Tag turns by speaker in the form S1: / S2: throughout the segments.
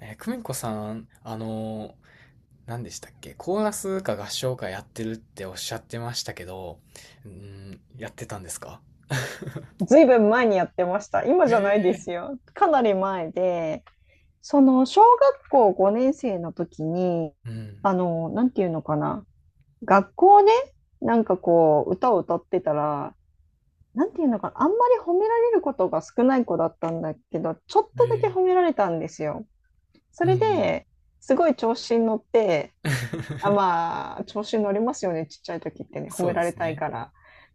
S1: 久美子さん、何でしたっけ？コーラスか合唱かやってるっておっしゃってましたけど、うん、やってたんですか？
S2: ずいぶん前にやってました。今じゃないですよ。かなり前で、その小学校5年生の時に、
S1: うん。
S2: あの、なんていうのかな。学校ね、なんかこう、歌を歌ってたら、なんていうのかな。あんまり褒められることが少ない子だったんだけど、ちょっ
S1: え
S2: とだけ
S1: ー、
S2: 褒められたんですよ。そ
S1: うんう
S2: れ
S1: ん。
S2: で、すごい調子に乗って、調子に乗りますよね、ちっちゃい時ってね、褒
S1: そ
S2: め
S1: うで
S2: られ
S1: す
S2: たい
S1: ね。
S2: から。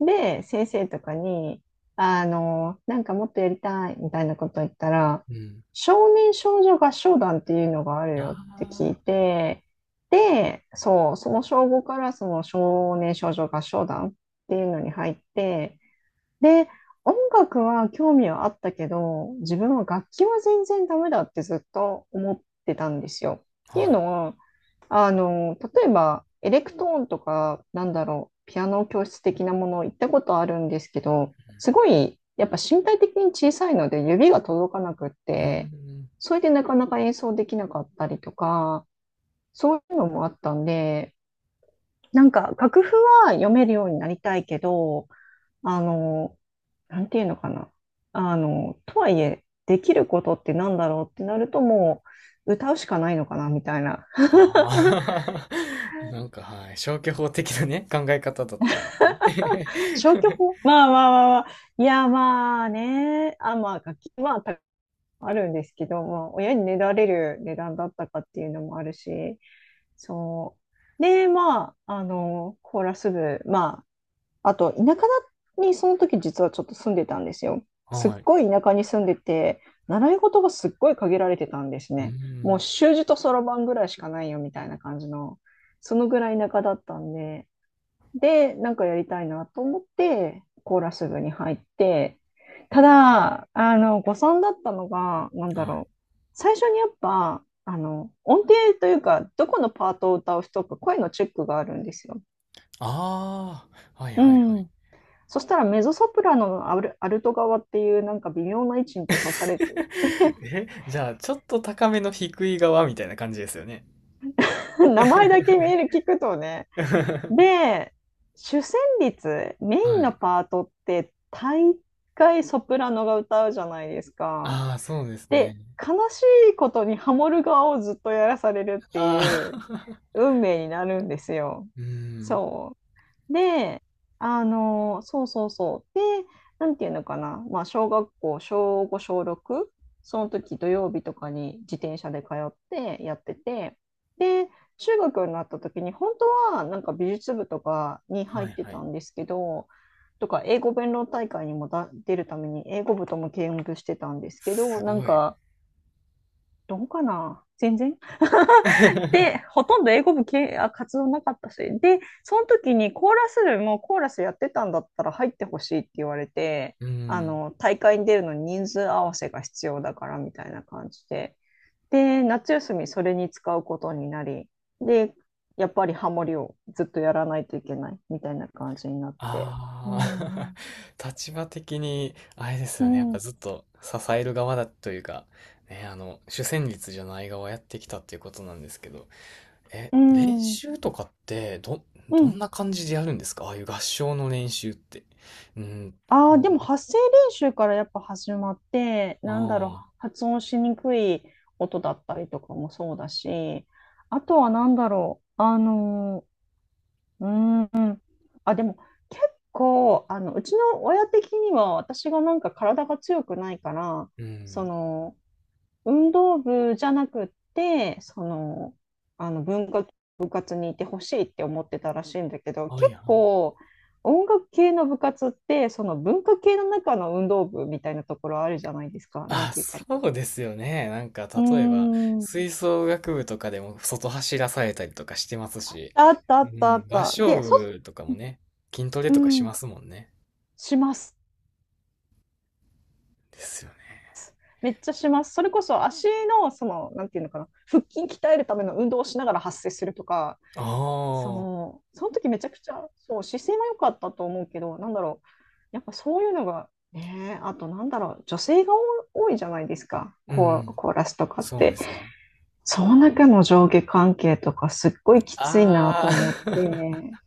S2: で、先生とかに、なんかもっとやりたいみたいなこと言ったら、
S1: うん。
S2: 少年少女合唱団っていうのがあるよって聞い
S1: あ
S2: て、で、そう、その小5からその少年少女合唱団っていうのに入って、で、音楽は興味はあったけど、自分は楽器は全然ダメだってずっと思ってたんですよ。っ
S1: あ、
S2: ていう
S1: はい。
S2: のは、例えば、エレクトーンとか、ピアノ教室的なものを行ったことあるんですけど、すごい、やっぱ身体的に小さいので指が届かなくっ
S1: う
S2: て、
S1: ん。
S2: それでなかなか演奏できなかったりとか、そういうのもあったんで、なんか楽譜は読めるようになりたいけど、あの、なんていうのかな。あの、とはいえ、できることってなんだろうってなるともう、歌うしかないのかなみたいな
S1: ああ、なんかはい、消去法的なね、考え方だったんですね。
S2: 消去 法まあまあまあまあ。いや、まあね。楽器、まあ、あるんですけど、まあ、親にねだれる値段だったかっていうのもあるし、そう。で、まあ、コーラス部、まあ、あと、田舎にその時実はちょっと住んでたんですよ。すっ
S1: はい。
S2: ごい田舎に住んでて、習い事がすっごい限られてたんです
S1: う
S2: ね。もう
S1: ん。
S2: 習字とそろばんぐらいしかないよみたいな感じの、そのぐらい田舎だったんで、で、なんかやりたいなと思って、コーラス部に入って、ただ、誤算だったのが、なん
S1: は
S2: だ
S1: い。
S2: ろう。最初にやっぱ、音程というか、どこのパートを歌う人か、声のチェックがあるんですよ。
S1: ああ、はい
S2: う
S1: はいはい。
S2: ん。そしたらメゾソプラノのアルト側っていうなんか微妙な位置に立たされて、
S1: え、じゃあ、ちょっと高めの低い側みたいな感じですよね。
S2: 名前だけ見える 聞くとね。で、主旋律、メイ
S1: は
S2: ンの
S1: い。
S2: パートって大概ソプラノが歌うじゃないですか。
S1: ああ、そうです
S2: で、
S1: ね。
S2: 悲しいことにハモる側をずっとやらされるって
S1: あ
S2: いう
S1: あ、
S2: 運命になるんですよ。
S1: うーん。
S2: そう。で、そうそうそう。で、なんていうのかな。まあ、小学校、小5、小6、その時土曜日とかに自転車で通ってやってて、で、中学になった時に、本当はなんか美術部とかに入
S1: は
S2: っ
S1: い
S2: て
S1: は
S2: た
S1: い。
S2: んですけど、とか英語弁論大会にも出るために英語部とも兼務してたんですけど、
S1: す
S2: なん
S1: ごい。
S2: かどうかな全然。で、ほとんど英語部活動なかったし。で、その時にコーラス部もコーラスやってたんだったら入ってほしいって言われて、
S1: うーん。
S2: 大会に出るのに人数合わせが必要だからみたいな感じで。で、夏休みそれに使うことになり、で、やっぱりハモリをずっとやらないといけないみたいな感じになって。う
S1: ああ、
S2: ん。
S1: 立場的に、あれです
S2: う
S1: よね。やっぱ
S2: ん。
S1: ずっと支える側だというか、ね、主旋律じゃない側やってきたっていうことなんですけど、
S2: う
S1: 練
S2: ん。う
S1: 習とかって、どん
S2: ん。
S1: な感じでやるんですかああいう合唱の練習って？うん。
S2: ああ、でも発声練習からやっぱ始まって、
S1: ああ、
S2: 発音しにくい音だったりとかもそうだし、あとはー、うーん、でも結構、うちの親的には私がなんか体が強くないから、
S1: う
S2: そ
S1: ん。
S2: の、運動部じゃなくって、その、あの文化部活にいてほしいって思ってたらしいんだけど、
S1: はい
S2: 結
S1: はい。
S2: 構音楽系の部活って、その文化系の中の運動部みたいなところあるじゃないですか。なん
S1: あ、
S2: ていうか。
S1: そうですよね。なんか、
S2: うー
S1: 例えば、
S2: ん。
S1: 吹奏楽部とかでも外走らされたりとかしてますし、
S2: あったあ
S1: う
S2: ったあ
S1: ん、
S2: っ
S1: 合
S2: た。
S1: 唱
S2: で、
S1: 部とかもね、筋トレ
S2: う
S1: とかし
S2: ん。
S1: ますもんね。
S2: します。
S1: ですよね。
S2: めっちゃします。それこそ足の、その、なんていうのかな、腹筋鍛えるための運動をしながら発声するとか、
S1: あ
S2: そ
S1: あ、
S2: う、その時めちゃくちゃ、そう、姿勢は良かったと思うけど、やっぱそういうのが、ねえ、あと女性が多いじゃないですか、
S1: うん。
S2: コーラスとかっ
S1: そうで
S2: て。
S1: すね。
S2: その中の上下関係とか、すっごいきついな
S1: あ
S2: と思っ
S1: あ、
S2: て、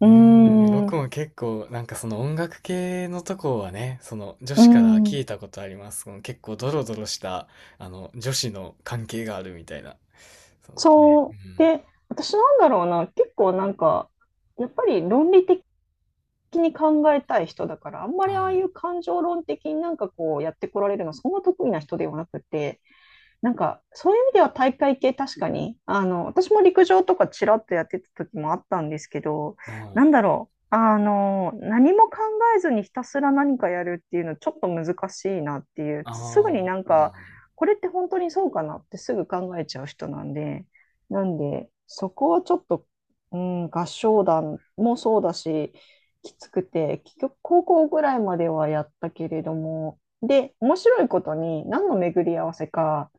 S2: う
S1: う
S2: ー
S1: ーん、
S2: ん、
S1: 僕
S2: う
S1: も結構、なんかその音楽系のとこはね、その女
S2: ー
S1: 子から聞
S2: ん、
S1: いたことあります。その結構ドロドロした、女子の関係があるみたいな。そうね。
S2: そ
S1: う
S2: う。で、私なんだろうな、結構なんか、やっぱり論理的に考えたい人だから、あんま
S1: ん。
S2: りあ
S1: は
S2: あい
S1: い。
S2: う感情論的になんかこうやってこられるの、そんな得意な人ではなくて、なんか、そういう意味では大会系確かに、私も陸上とかちらっとやってた時もあったんですけど、
S1: はい。
S2: 何も考えずにひたすら何かやるっていうのちょっと難しいなっていう、
S1: あ
S2: すぐに
S1: あ、
S2: なん
S1: うんう
S2: か、
S1: ん。
S2: これって本当にそうかなってすぐ考えちゃう人なんで、なんで、そこはちょっと、うん、合唱団もそうだし、きつくて、結局高校ぐらいまではやったけれども、で、面白いことに何の巡り合わせか、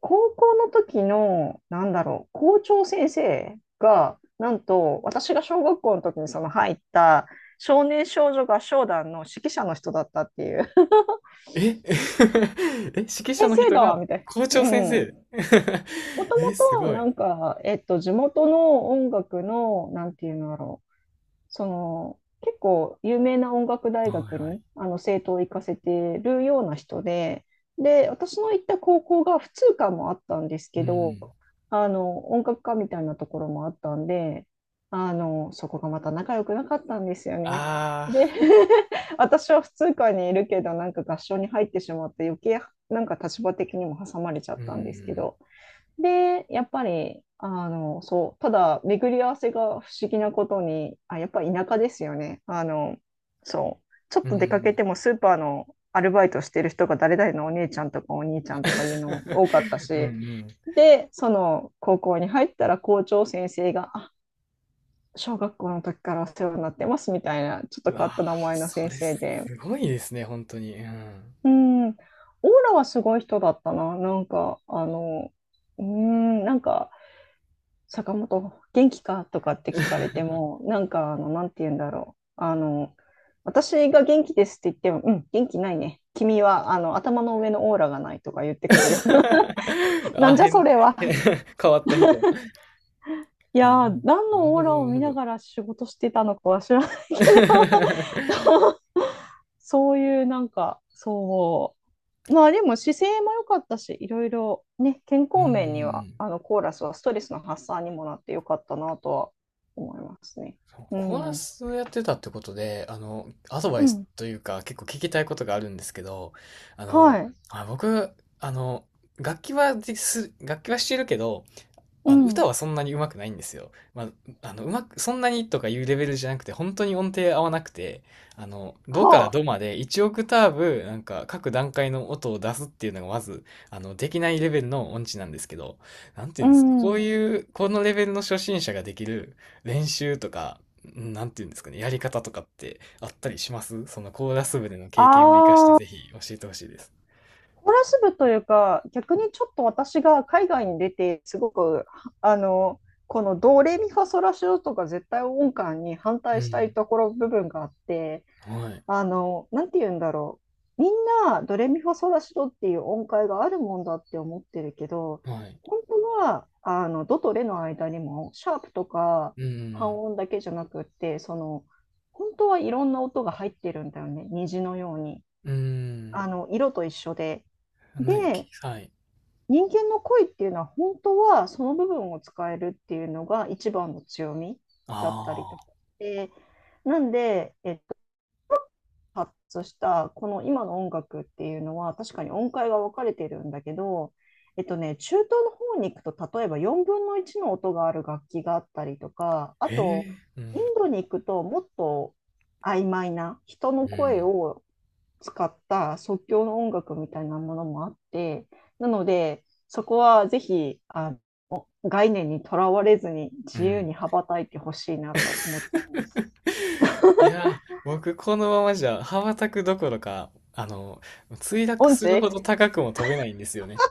S2: 高校の時の、校長先生が、なんと、私が小学校の時にその入った少年少女合唱団の指揮者の人だったっていう。
S1: え え、指揮 者
S2: 先
S1: の
S2: 生
S1: 人
S2: だわ、
S1: が
S2: みたい
S1: 校
S2: な。
S1: 長
S2: う
S1: 先
S2: ん。
S1: 生
S2: もとも
S1: え、すご
S2: と、
S1: い。は
S2: な
S1: い
S2: んか、地元の音楽の、なんていうのだろう。その結構有名な音楽
S1: は
S2: 大学
S1: い。
S2: にあの生徒を行かせてるような人で、で、私の行った高校が普通科もあったんです
S1: う
S2: けど、
S1: ん。
S2: あの音楽科みたいなところもあったんで、あのそこがまた仲良くなかったんですよね。
S1: あ
S2: で
S1: あ、
S2: 私は普通科にいるけど、なんか合唱に入ってしまって、余計なんか立場的にも挟まれちゃ
S1: う
S2: ったんですけ
S1: ん。
S2: ど、で、やっぱり、そう、ただ、巡り合わせが不思議なことに、やっぱり田舎ですよね。そう、ちょっ
S1: う
S2: と出かけ
S1: ん。
S2: てもスーパーのアルバイトしてる人が誰々のお姉ちゃんとかお兄ちゃんとかいうのも多かった
S1: うんう
S2: し、
S1: ん
S2: で、その高校に入ったら校長先生が、小学校の時からお世話になってますみたいな、ちょっと
S1: う
S2: 変
S1: わ
S2: わっ
S1: あ、
S2: た名前の
S1: そ
S2: 先
S1: れ
S2: 生
S1: す
S2: で、
S1: ごいですね、本当に。うん。
S2: うん、オーラはすごい人だったな。なんか、うん、なんか、坂本、元気かとかって聞かれても、なんか、あの、なんて言うんだろう。あの、私が元気ですって言っても、うん、元気ないね。君は、頭の上のオーラがないとか言ってくるような。な
S1: あ、
S2: んじゃそれは。
S1: 変変わった人。
S2: い
S1: ああ、
S2: やー、何
S1: なる
S2: のオ
S1: ほど
S2: ーラを
S1: なるほ
S2: 見な
S1: ど。
S2: がら仕事してたのかは知らないけ ど、そういう、なんか、そう。まあでも姿勢も良かったし、いろいろね、健
S1: うんうん
S2: 康
S1: う
S2: 面には、
S1: ん。
S2: あのコーラスはストレスの発散にもなって良かったなとは思いますね。
S1: そう、
S2: う
S1: コーラ
S2: ん。
S1: スをやってたってことで、アドバ
S2: う
S1: イス
S2: ん。
S1: というか、結構聞きたいことがあるんですけど、あの、
S2: はい。
S1: あ、僕、あの、楽器はしてるけど、
S2: う
S1: 歌
S2: ん。
S1: はそんなに上手くないんですよ。まあ、うまく、そんなにとかいうレベルじゃなくて、本当に音程合わなくて、ドから
S2: は
S1: ド
S2: あ。
S1: まで1オクターブ、なんか各段階の音を出すっていうのがまず、できないレベルの音痴なんですけど、なんてい
S2: う
S1: うんですか、こう
S2: ん。
S1: いう、このレベルの初心者ができる練習とか、なんていうんですかね、やり方とかってあったりしますそのコーラス部での経験も活かして
S2: ああ、
S1: ぜひ教えてほしいです。
S2: コーラス部というか、逆にちょっと私が海外に出て、すごく、あの、このドレミファソラシドとか絶対音感に反
S1: う
S2: 対したい
S1: ん。
S2: ところ部分があって、
S1: はい。
S2: なんて言うんだろう。みんな、ドレミファソラシドっていう音階があるもんだって思ってるけど、
S1: はい。
S2: 本当は、ドとレの間にも、シャープとか
S1: う
S2: 半
S1: ん。
S2: 音だけじゃなくって、本当はいろんな音が入ってるんだよね。虹のように。
S1: うん。
S2: 色と一緒で。
S1: ね、
S2: で、
S1: はい。
S2: 人間の声っていうのは、本当はその部分を使えるっていうのが一番の強みだったりと
S1: あ
S2: か。
S1: あ、
S2: で、なんで、発したこの今の音楽っていうのは確かに音階が分かれてるんだけど、えっとね、中東の方に行くと例えば4分の1の音がある楽器があったりとか、あと
S1: ええう
S2: イン
S1: ん、
S2: ドに行くと、もっと曖昧な人
S1: う
S2: の声
S1: ん、
S2: を使った即興の音楽みたいなものもあって、なので、そこはぜひ概念にとらわれずに
S1: う
S2: 自由
S1: ん。
S2: に羽ばたいてほしいなと思っちゃいます。
S1: いやー、僕このままじゃ羽ばたくどころか、墜
S2: オ
S1: 落
S2: ン
S1: するほ
S2: チ
S1: ど高くも飛べないんですよね。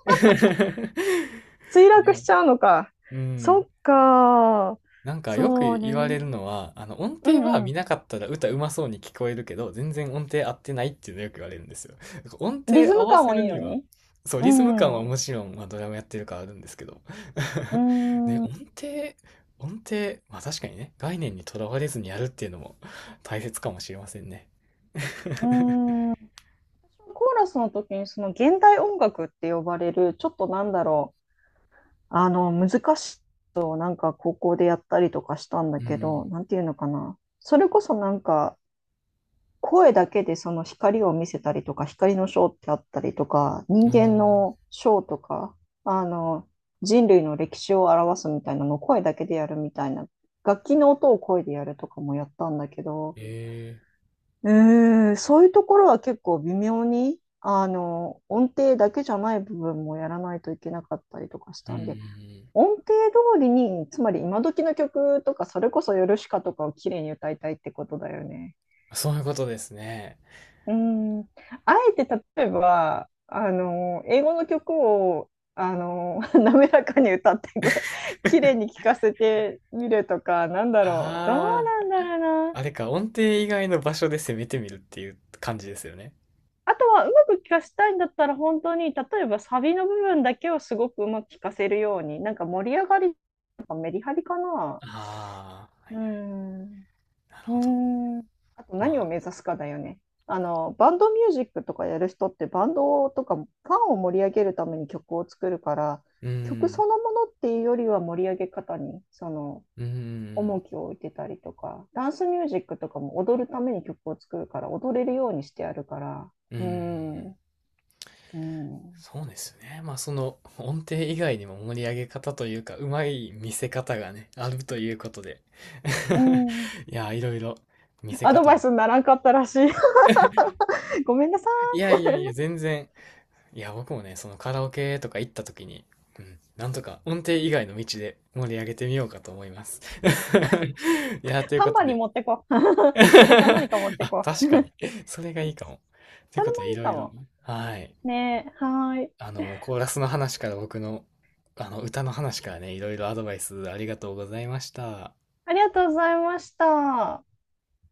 S2: 墜
S1: い
S2: 落
S1: や、
S2: しちゃうのか。
S1: う
S2: そっ
S1: ん。
S2: か。
S1: なんかよく
S2: そう
S1: 言われ
S2: ね。
S1: るのは、音
S2: う
S1: 程は
S2: んう
S1: 見
S2: ん。
S1: なかったら歌うまそうに聞こえるけど、全然音程合ってないっていうのよく言われるんですよ。なんか音
S2: リ
S1: 程
S2: ズ
S1: 合
S2: ム
S1: わ
S2: 感
S1: せ
S2: も
S1: る
S2: いいの
S1: には、
S2: に。
S1: そう、
S2: う
S1: リズム感
S2: ん。
S1: は
S2: う
S1: もちろん、まあ、ドラムやってるからあるんですけど。
S2: ー
S1: ね、
S2: ん。う
S1: 程、音程、まあ確かにね、概念にとらわれずにやるっていうのも大切かもしれませんね。
S2: ーん。コーラスの時にその現代音楽って呼ばれる、ちょっとなんだろう。難しいことをなんか高校でやったりとかしたんだ
S1: う
S2: けど、
S1: ん。
S2: なんていうのかな。それこそなんか、声だけでその光を見せたりとか、光のショーってあったりとか、
S1: お
S2: 人
S1: ー、
S2: 間のショーとか、あの、人類の歴史を表すみたいなのを声だけでやるみたいな、楽器の音を声でやるとかもやったんだけど、
S1: えー
S2: えそういうところは結構微妙に、音程だけじゃない部分もやらないといけなかったりとかし
S1: うん
S2: た
S1: うん
S2: ん
S1: う
S2: で、音程通りに、つまり今時の曲とか、それこそヨルシカとかを綺麗に歌いたいってことだよね。
S1: ん。そういうことですね。
S2: うん、あえて例えば、英語の曲を、滑らかに歌ってき 綺麗に聴かせてみるとか、なんだろう。どう
S1: あ
S2: なんだ
S1: あ、
S2: ろうな。
S1: あれか、音程以外の場所で攻めてみるっていう感じですよね。
S2: あとは、うまく聴かせたいんだったら、本当に、例えばサビの部分だけをすごくうまく聴かせるように、なんか盛り上がりとかメリハリかな。
S1: あ
S2: うー
S1: あ、
S2: ん。
S1: なる
S2: う
S1: ほど。
S2: ーん。あと
S1: ま
S2: 何
S1: あ、
S2: を目指すかだよね。バンドミュージックとかやる人ってバンドとかファンを盛り上げるために曲を作るから、
S1: うー
S2: 曲
S1: ん、
S2: そのものっていうよりは盛り上げ方にその
S1: うー
S2: 重
S1: ん、
S2: きを置いてたりとか、ダンスミュージックとかも踊るために曲を作るから踊れるようにしてやるから、
S1: うー
S2: うー
S1: ん。
S2: ん、うーん、う
S1: そうですね。まあ、その音程以外にも盛り上げ方というか、うまい見せ方がね、あるということで。
S2: ーん、
S1: いや、いろいろ見せ
S2: アド
S1: 方
S2: バイ
S1: も。
S2: スにならんかったらしい。ごめんなさ
S1: いやいやいや、全然。いや、僕もね、そのカラオケとか行った時に、うん、なんとか音程以外の道で盛り上げてみようかと思います。いや、
S2: い。
S1: という
S2: タ
S1: こ
S2: ン
S1: と
S2: バリン
S1: で。
S2: 持ってこう。それか何か持って
S1: あ、
S2: こ
S1: 確か
S2: う。
S1: に。それがいいかも。とい
S2: そ
S1: う
S2: れ
S1: こと
S2: も
S1: で、い
S2: いい
S1: ろ
S2: か
S1: いろね、
S2: も。
S1: はい。
S2: ねえ、はーい。
S1: コーラスの話から僕の、歌の話からね、いろいろアドバイスありがとうございました。
S2: ありがとうございました。